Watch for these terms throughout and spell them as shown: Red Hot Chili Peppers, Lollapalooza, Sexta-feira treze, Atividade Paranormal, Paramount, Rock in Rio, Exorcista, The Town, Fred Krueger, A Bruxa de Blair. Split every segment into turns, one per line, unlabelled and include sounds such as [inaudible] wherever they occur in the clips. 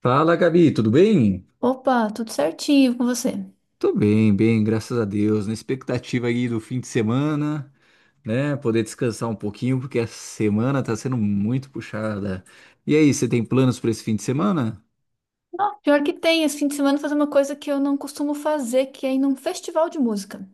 Fala, Gabi, tudo bem?
Opa, tudo certinho com você?
Tô bem, bem, graças a Deus. Na expectativa aí do fim de semana, né? Poder descansar um pouquinho, porque a semana tá sendo muito puxada. E aí, você tem planos para esse fim de semana?
Ó, pior que tem, esse fim de semana fazer uma coisa que eu não costumo fazer, que é ir num festival de música.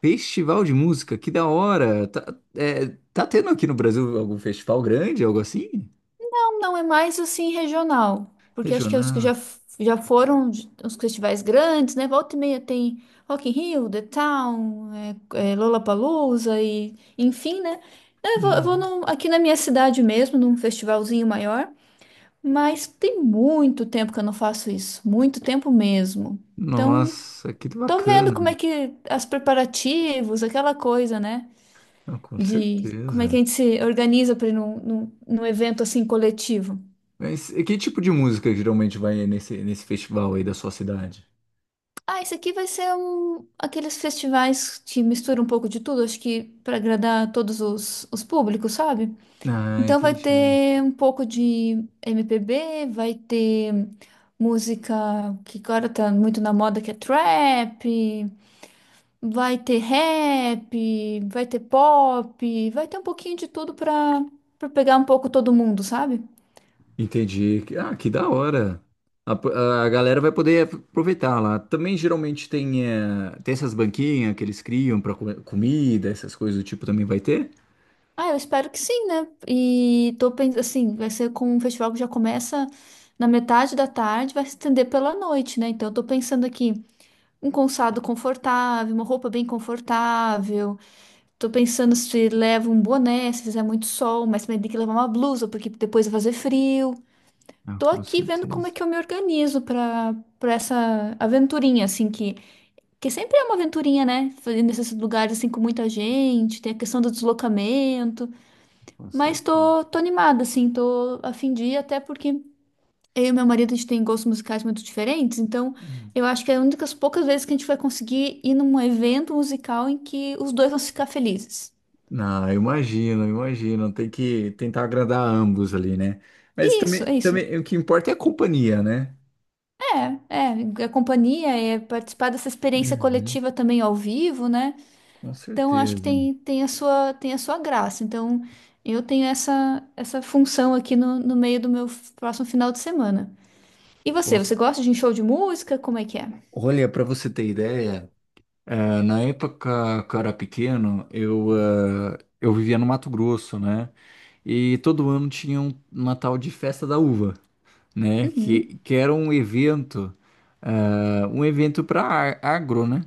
Festival de música, que da hora! Tá tendo aqui no Brasil algum festival grande, algo assim?
Não, não é mais assim regional, porque acho que os que já,
Regional?
f- já foram de- os festivais grandes, né? Volta e meia tem Rock in Rio, The Town, Lollapalooza e enfim, né? Eu vou, eu vou
Hum,
num- aqui na minha cidade mesmo, num festivalzinho maior, mas tem muito tempo que eu não faço isso, muito tempo mesmo. Então,
Nossa, que
tô vendo como é
bacana!
que os preparativos, aquela coisa, né?
Ah, com
De como é que a
certeza.
gente se organiza para ir num evento assim coletivo.
Mas e que tipo de música geralmente vai nesse festival aí da sua cidade?
Ah, esse aqui vai ser um, aqueles festivais que misturam um pouco de tudo, acho que para agradar todos os públicos, sabe?
Ah,
Então vai
entendi.
ter um pouco de MPB, vai ter música que agora tá muito na moda, que é trap, vai ter rap, vai ter pop, vai ter um pouquinho de tudo pra, pra pegar um pouco todo mundo, sabe?
Entendi. Que da hora. A galera vai poder aproveitar lá. Também geralmente tem essas banquinhas que eles criam para comida, essas coisas do tipo também vai ter?
Ah, eu espero que sim, né? E tô pensando assim, vai ser com um festival que já começa na metade da tarde, vai se estender pela noite, né? Então eu tô pensando aqui um calçado confortável, uma roupa bem confortável. Tô pensando se leva um boné, se fizer muito sol, mas também tem que levar uma blusa, porque depois vai fazer frio.
Ah,
Tô
com
aqui vendo como é
certeza.
que eu me organizo pra para essa aventurinha, assim, que sempre é uma aventurinha, né? Fazer nesses lugares, assim, com muita gente, tem a questão do deslocamento,
Com
mas
certeza.
tô animada, assim, tô a fim de ir, até porque eu e meu marido, a gente tem gostos musicais muito diferentes, então
Hum.
eu acho que é uma das poucas vezes que a gente vai conseguir ir num evento musical em que os dois vão ficar felizes.
Não, eu imagino, eu imagino. Tem que tentar agradar ambos ali, né? Mas
Isso,
também,
é isso.
também o que importa é a companhia, né?
É companhia, é participar dessa experiência
Uhum.
coletiva também ao vivo, né?
Com
Então, eu acho que
certeza.
tem, tem a sua graça. Então, eu tenho essa função aqui no meio do meu próximo final de semana. E você,
Com
você gosta de um show de música? Como é que é?
Olha, para você ter ideia. É, na época que eu era pequeno, eu vivia no Mato Grosso, né? E todo ano tinha uma tal de Festa da Uva, né? Que,
Uhum.
que era um evento, para agro, né?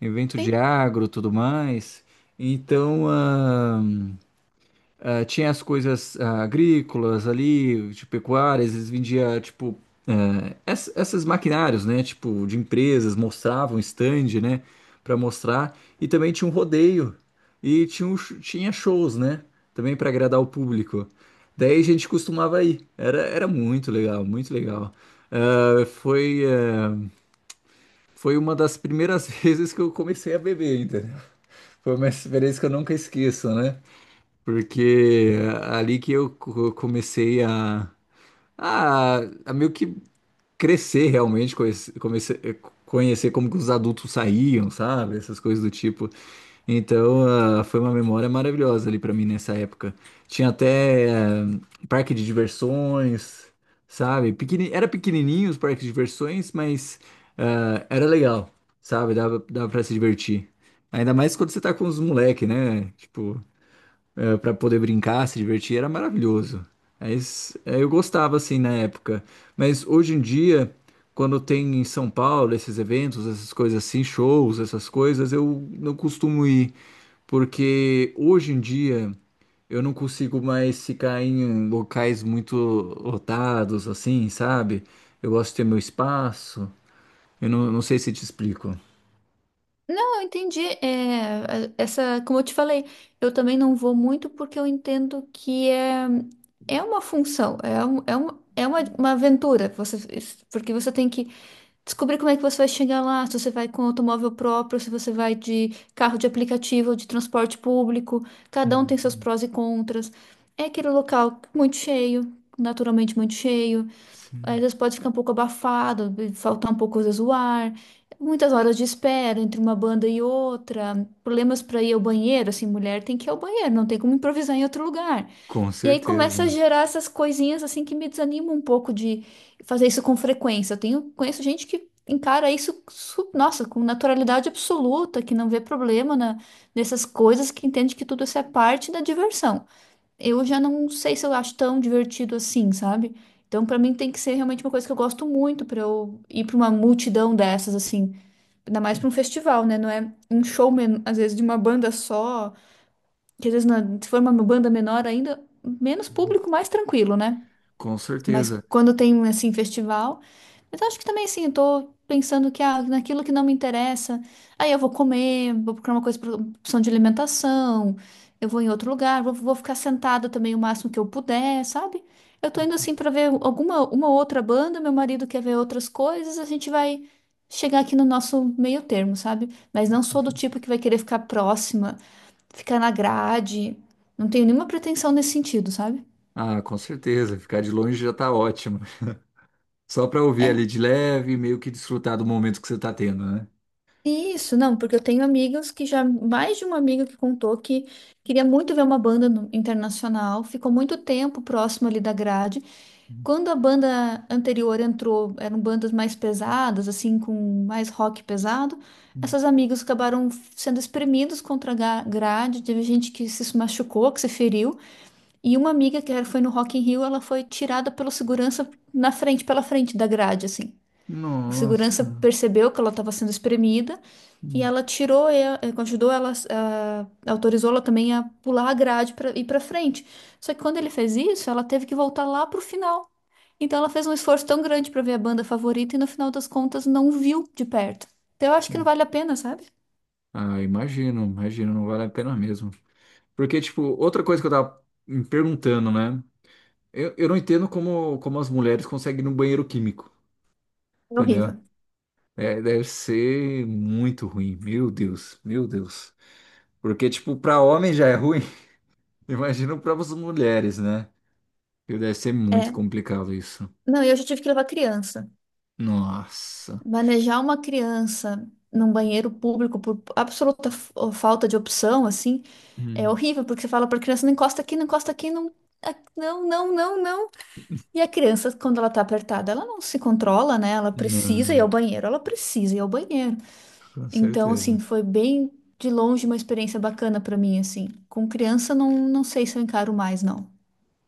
Evento de
Sim.
agro, tudo mais. Então, tinha as coisas agrícolas ali, de pecuárias, eles vendiam, tipo, essas maquinários, né? Tipo, de empresas, mostravam stand, né? Pra mostrar. E também tinha um rodeio. E tinha shows, né? Também pra agradar o público. Daí a gente costumava ir. Era muito legal, muito legal. Ah, foi uma das primeiras [laughs] vezes que eu comecei a beber, entendeu? Foi uma experiência que eu nunca esqueço, né? Porque é ali que eu comecei a, a meio que crescer realmente, comecei a conhecer como que os adultos saíam, sabe? Essas coisas do tipo. Então, foi uma memória maravilhosa ali pra mim nessa época. Tinha até parque de diversões, sabe? Era pequenininho os parques de diversões, mas era legal, sabe? Dava para se divertir. Ainda mais quando você tá com os moleques, né? Tipo para poder brincar, se divertir, era maravilhoso. Aí, eu gostava assim na época, mas hoje em dia, quando tem em São Paulo esses eventos, essas coisas assim, shows, essas coisas, eu não costumo ir, porque hoje em dia eu não consigo mais ficar em locais muito lotados assim, sabe? Eu gosto de ter meu espaço. Eu não sei se te explico.
Não, eu entendi. É, essa, como eu te falei, eu também não vou muito porque eu entendo que é, é uma função, é, um, é, um, é uma aventura. Você, porque você tem que descobrir como é que você vai chegar lá, se você vai com automóvel próprio, se você vai de carro de aplicativo, de transporte público. Cada um tem seus
Uhum.
prós e contras. É aquele local muito cheio, naturalmente muito cheio. Às
Sim.
vezes pode ficar um pouco abafado, faltar um pouco às vezes o ar. Muitas horas de espera entre uma banda e outra. Problemas para ir ao banheiro, assim, mulher tem que ir ao banheiro, não tem como improvisar em outro lugar.
Com
E aí começa a
certeza.
gerar essas coisinhas assim que me desanimam um pouco de fazer isso com frequência. Eu tenho, conheço gente que encara isso, nossa, com naturalidade absoluta, que não vê problema nessas coisas, que entende que tudo isso é parte da diversão. Eu já não sei se eu acho tão divertido assim, sabe? Então, pra mim tem que ser realmente uma coisa que eu gosto muito pra eu ir pra uma multidão dessas assim, ainda mais pra um festival, né? Não é um show às vezes de uma banda só que às vezes se for uma banda menor ainda, menos
Uhum.
público, mais tranquilo, né?
Com
Mas
certeza.
quando tem assim festival, mas acho que também assim, eu tô pensando que naquilo que não me interessa, aí eu vou comer, vou procurar uma coisa pra opção de alimentação, eu vou em outro lugar, vou ficar sentada também o máximo que eu puder, sabe? Eu tô indo
Com,
assim pra ver alguma uma outra banda, meu marido quer ver outras coisas, a gente vai chegar aqui no nosso meio termo, sabe? Mas não
com
sou do tipo
certeza.
que vai querer ficar na grade. Não tenho nenhuma pretensão nesse sentido, sabe?
Ah, com certeza. Ficar de longe já tá ótimo. Só pra ouvir
É
ali de leve, meio que desfrutar do momento que você tá tendo, né?
isso, não, porque eu tenho amigas que já, mais de uma amiga que contou que queria muito ver uma banda internacional, ficou muito tempo próximo ali da grade. Quando a banda anterior entrou, eram bandas mais pesadas, assim, com mais rock pesado,
Hum.
essas amigas acabaram sendo espremidas contra a grade, teve gente que se machucou, que se feriu. E uma amiga que foi no Rock in Rio, ela foi tirada pelo segurança na frente, pela frente da grade, assim. O segurança
Nossa.
percebeu que ela estava sendo espremida e
Hum,
ela tirou, e ajudou ela, autorizou ela também a pular a grade para ir para frente. Só que quando ele fez isso, ela teve que voltar lá pro final. Então ela fez um esforço tão grande para ver a banda favorita e no final das contas não viu de perto. Então eu acho que não
hum.
vale a pena, sabe?
Ah, imagino, imagino, não vale a pena mesmo. Porque, tipo, outra coisa que eu tava me perguntando, né? Eu não entendo como as mulheres conseguem ir no banheiro químico,
É
entendeu?
horrível.
É, deve ser muito ruim. Meu Deus, meu Deus. Porque, tipo, pra homem já é ruim. [laughs] Imagino para as mulheres, né? E deve ser muito
É.
complicado isso.
Não, eu já tive que levar criança.
Nossa.
Manejar uma criança num banheiro público por absoluta falta de opção, assim, é
Hum.
horrível, porque você fala para a criança, não encosta aqui, não encosta aqui, não, não, não, não, não. E a criança, quando ela tá apertada, ela não se controla, né? Ela precisa ir
Não,
ao banheiro, ela precisa ir ao banheiro.
com
Então, assim,
certeza.
foi bem de longe uma experiência bacana para mim, assim. Com criança, não, não sei se eu encaro mais, não.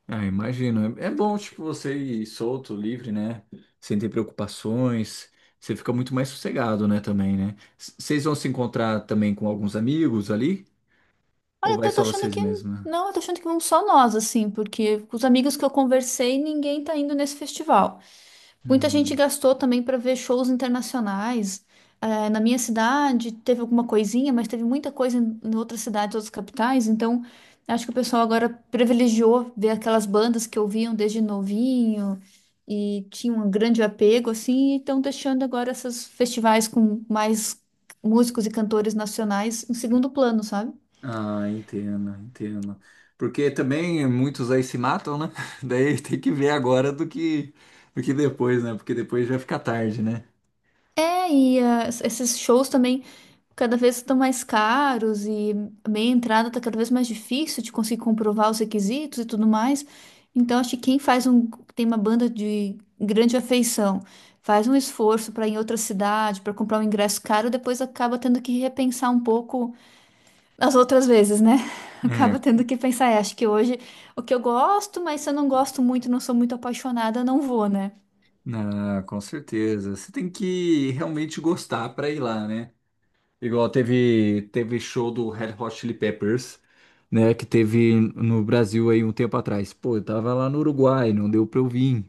Ah, imagino. É bom, tipo, você ir solto, livre, né? Sem ter preocupações. Você fica muito mais sossegado, né, também, né? Vocês vão se encontrar também com alguns amigos ali? Ou
Olha,
vai
eu tô
só
achando
vocês
que
mesmos? Né?
não, eu tô achando que vão só nós, assim, porque com os amigos que eu conversei, ninguém tá indo nesse festival. Muita gente
Hum.
gastou também para ver shows internacionais. Eh, na minha cidade teve alguma coisinha, mas teve muita coisa em outras cidades, outras capitais. Então, acho que o pessoal agora privilegiou ver aquelas bandas que ouviam desde novinho e tinham um grande apego, assim, e estão deixando agora esses festivais com mais músicos e cantores nacionais em segundo plano, sabe?
Ah, entendo, entendo. Porque também muitos aí se matam, né? [laughs] Daí tem que ver agora do que, depois, né? Porque depois já fica tarde, né?
É, e esses shows também cada vez estão mais caros e meia entrada está cada vez mais difícil de conseguir comprovar os requisitos e tudo mais. Então, acho que quem faz um, tem uma banda de grande afeição, faz um esforço para ir em outra cidade, para comprar um ingresso caro, depois acaba tendo que repensar um pouco as outras vezes, né? [laughs] Acaba
É,
tendo que pensar, "É, acho que hoje o que eu gosto, mas se eu não gosto muito, não sou muito apaixonada, não vou, né?
ah, com certeza. Você tem que realmente gostar para ir lá, né? Igual teve show do Red Hot Chili Peppers, né? Que teve no Brasil aí um tempo atrás. Pô, eu tava lá no Uruguai, não deu pra eu vir,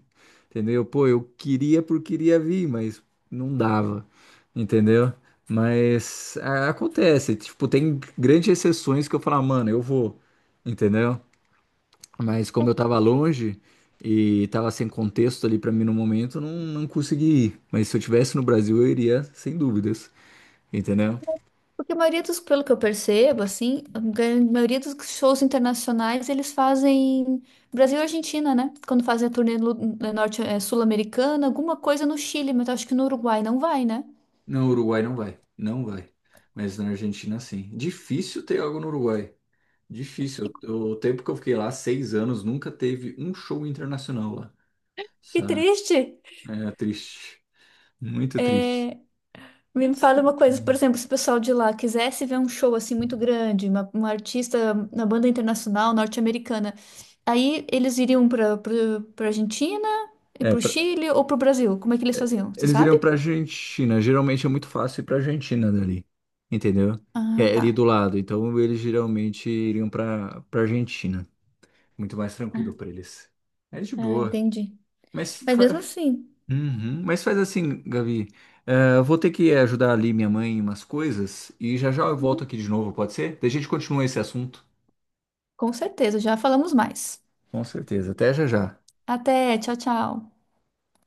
entendeu? Pô, eu queria por queria vir, mas não dava, entendeu? Mas acontece, tipo, tem grandes exceções que eu falo, "Ah, mano, eu vou, entendeu? Mas como eu tava longe e tava sem contexto ali pra mim no momento, eu não consegui ir. Mas se eu tivesse no Brasil, eu iria sem dúvidas, entendeu?
Porque a maioria dos, pelo que eu percebo, assim, a maioria dos shows internacionais eles fazem Brasil e Argentina, né? Quando fazem a turnê norte, sul-americana, alguma coisa no Chile, mas eu acho que no Uruguai não vai, né?
Não, Uruguai não vai. Não vai. Mas na Argentina, sim. Difícil ter algo no Uruguai. Difícil. O tempo que eu fiquei lá, 6 anos, nunca teve um show internacional lá.
Que
Sabe?
triste!
É triste. Muito triste.
É, me
Mas.
fala uma coisa, por
Hum.
exemplo, se o pessoal de lá quisesse ver um show assim muito grande, uma artista na banda internacional norte-americana, aí eles iriam para Argentina e
É,
para o Chile ou para o Brasil? Como é que eles faziam? Você
Eles
sabe?
iriam pra Argentina. Geralmente é muito fácil ir pra Argentina dali. Entendeu? Que
Ah,
é
tá.
ali do lado. Então eles geralmente iriam pra Argentina. Muito mais tranquilo pra eles. É de
Ah,
boa.
entendi.
Mas,
Mas
fa-
mesmo assim,
Uhum. Mas faz assim, Gabi. Eu vou ter que ajudar ali minha mãe em umas coisas. E já já eu volto aqui de novo, pode ser? Daí a gente continua esse assunto.
com certeza, já falamos mais.
Com certeza. Até já já.
Até, tchau, tchau.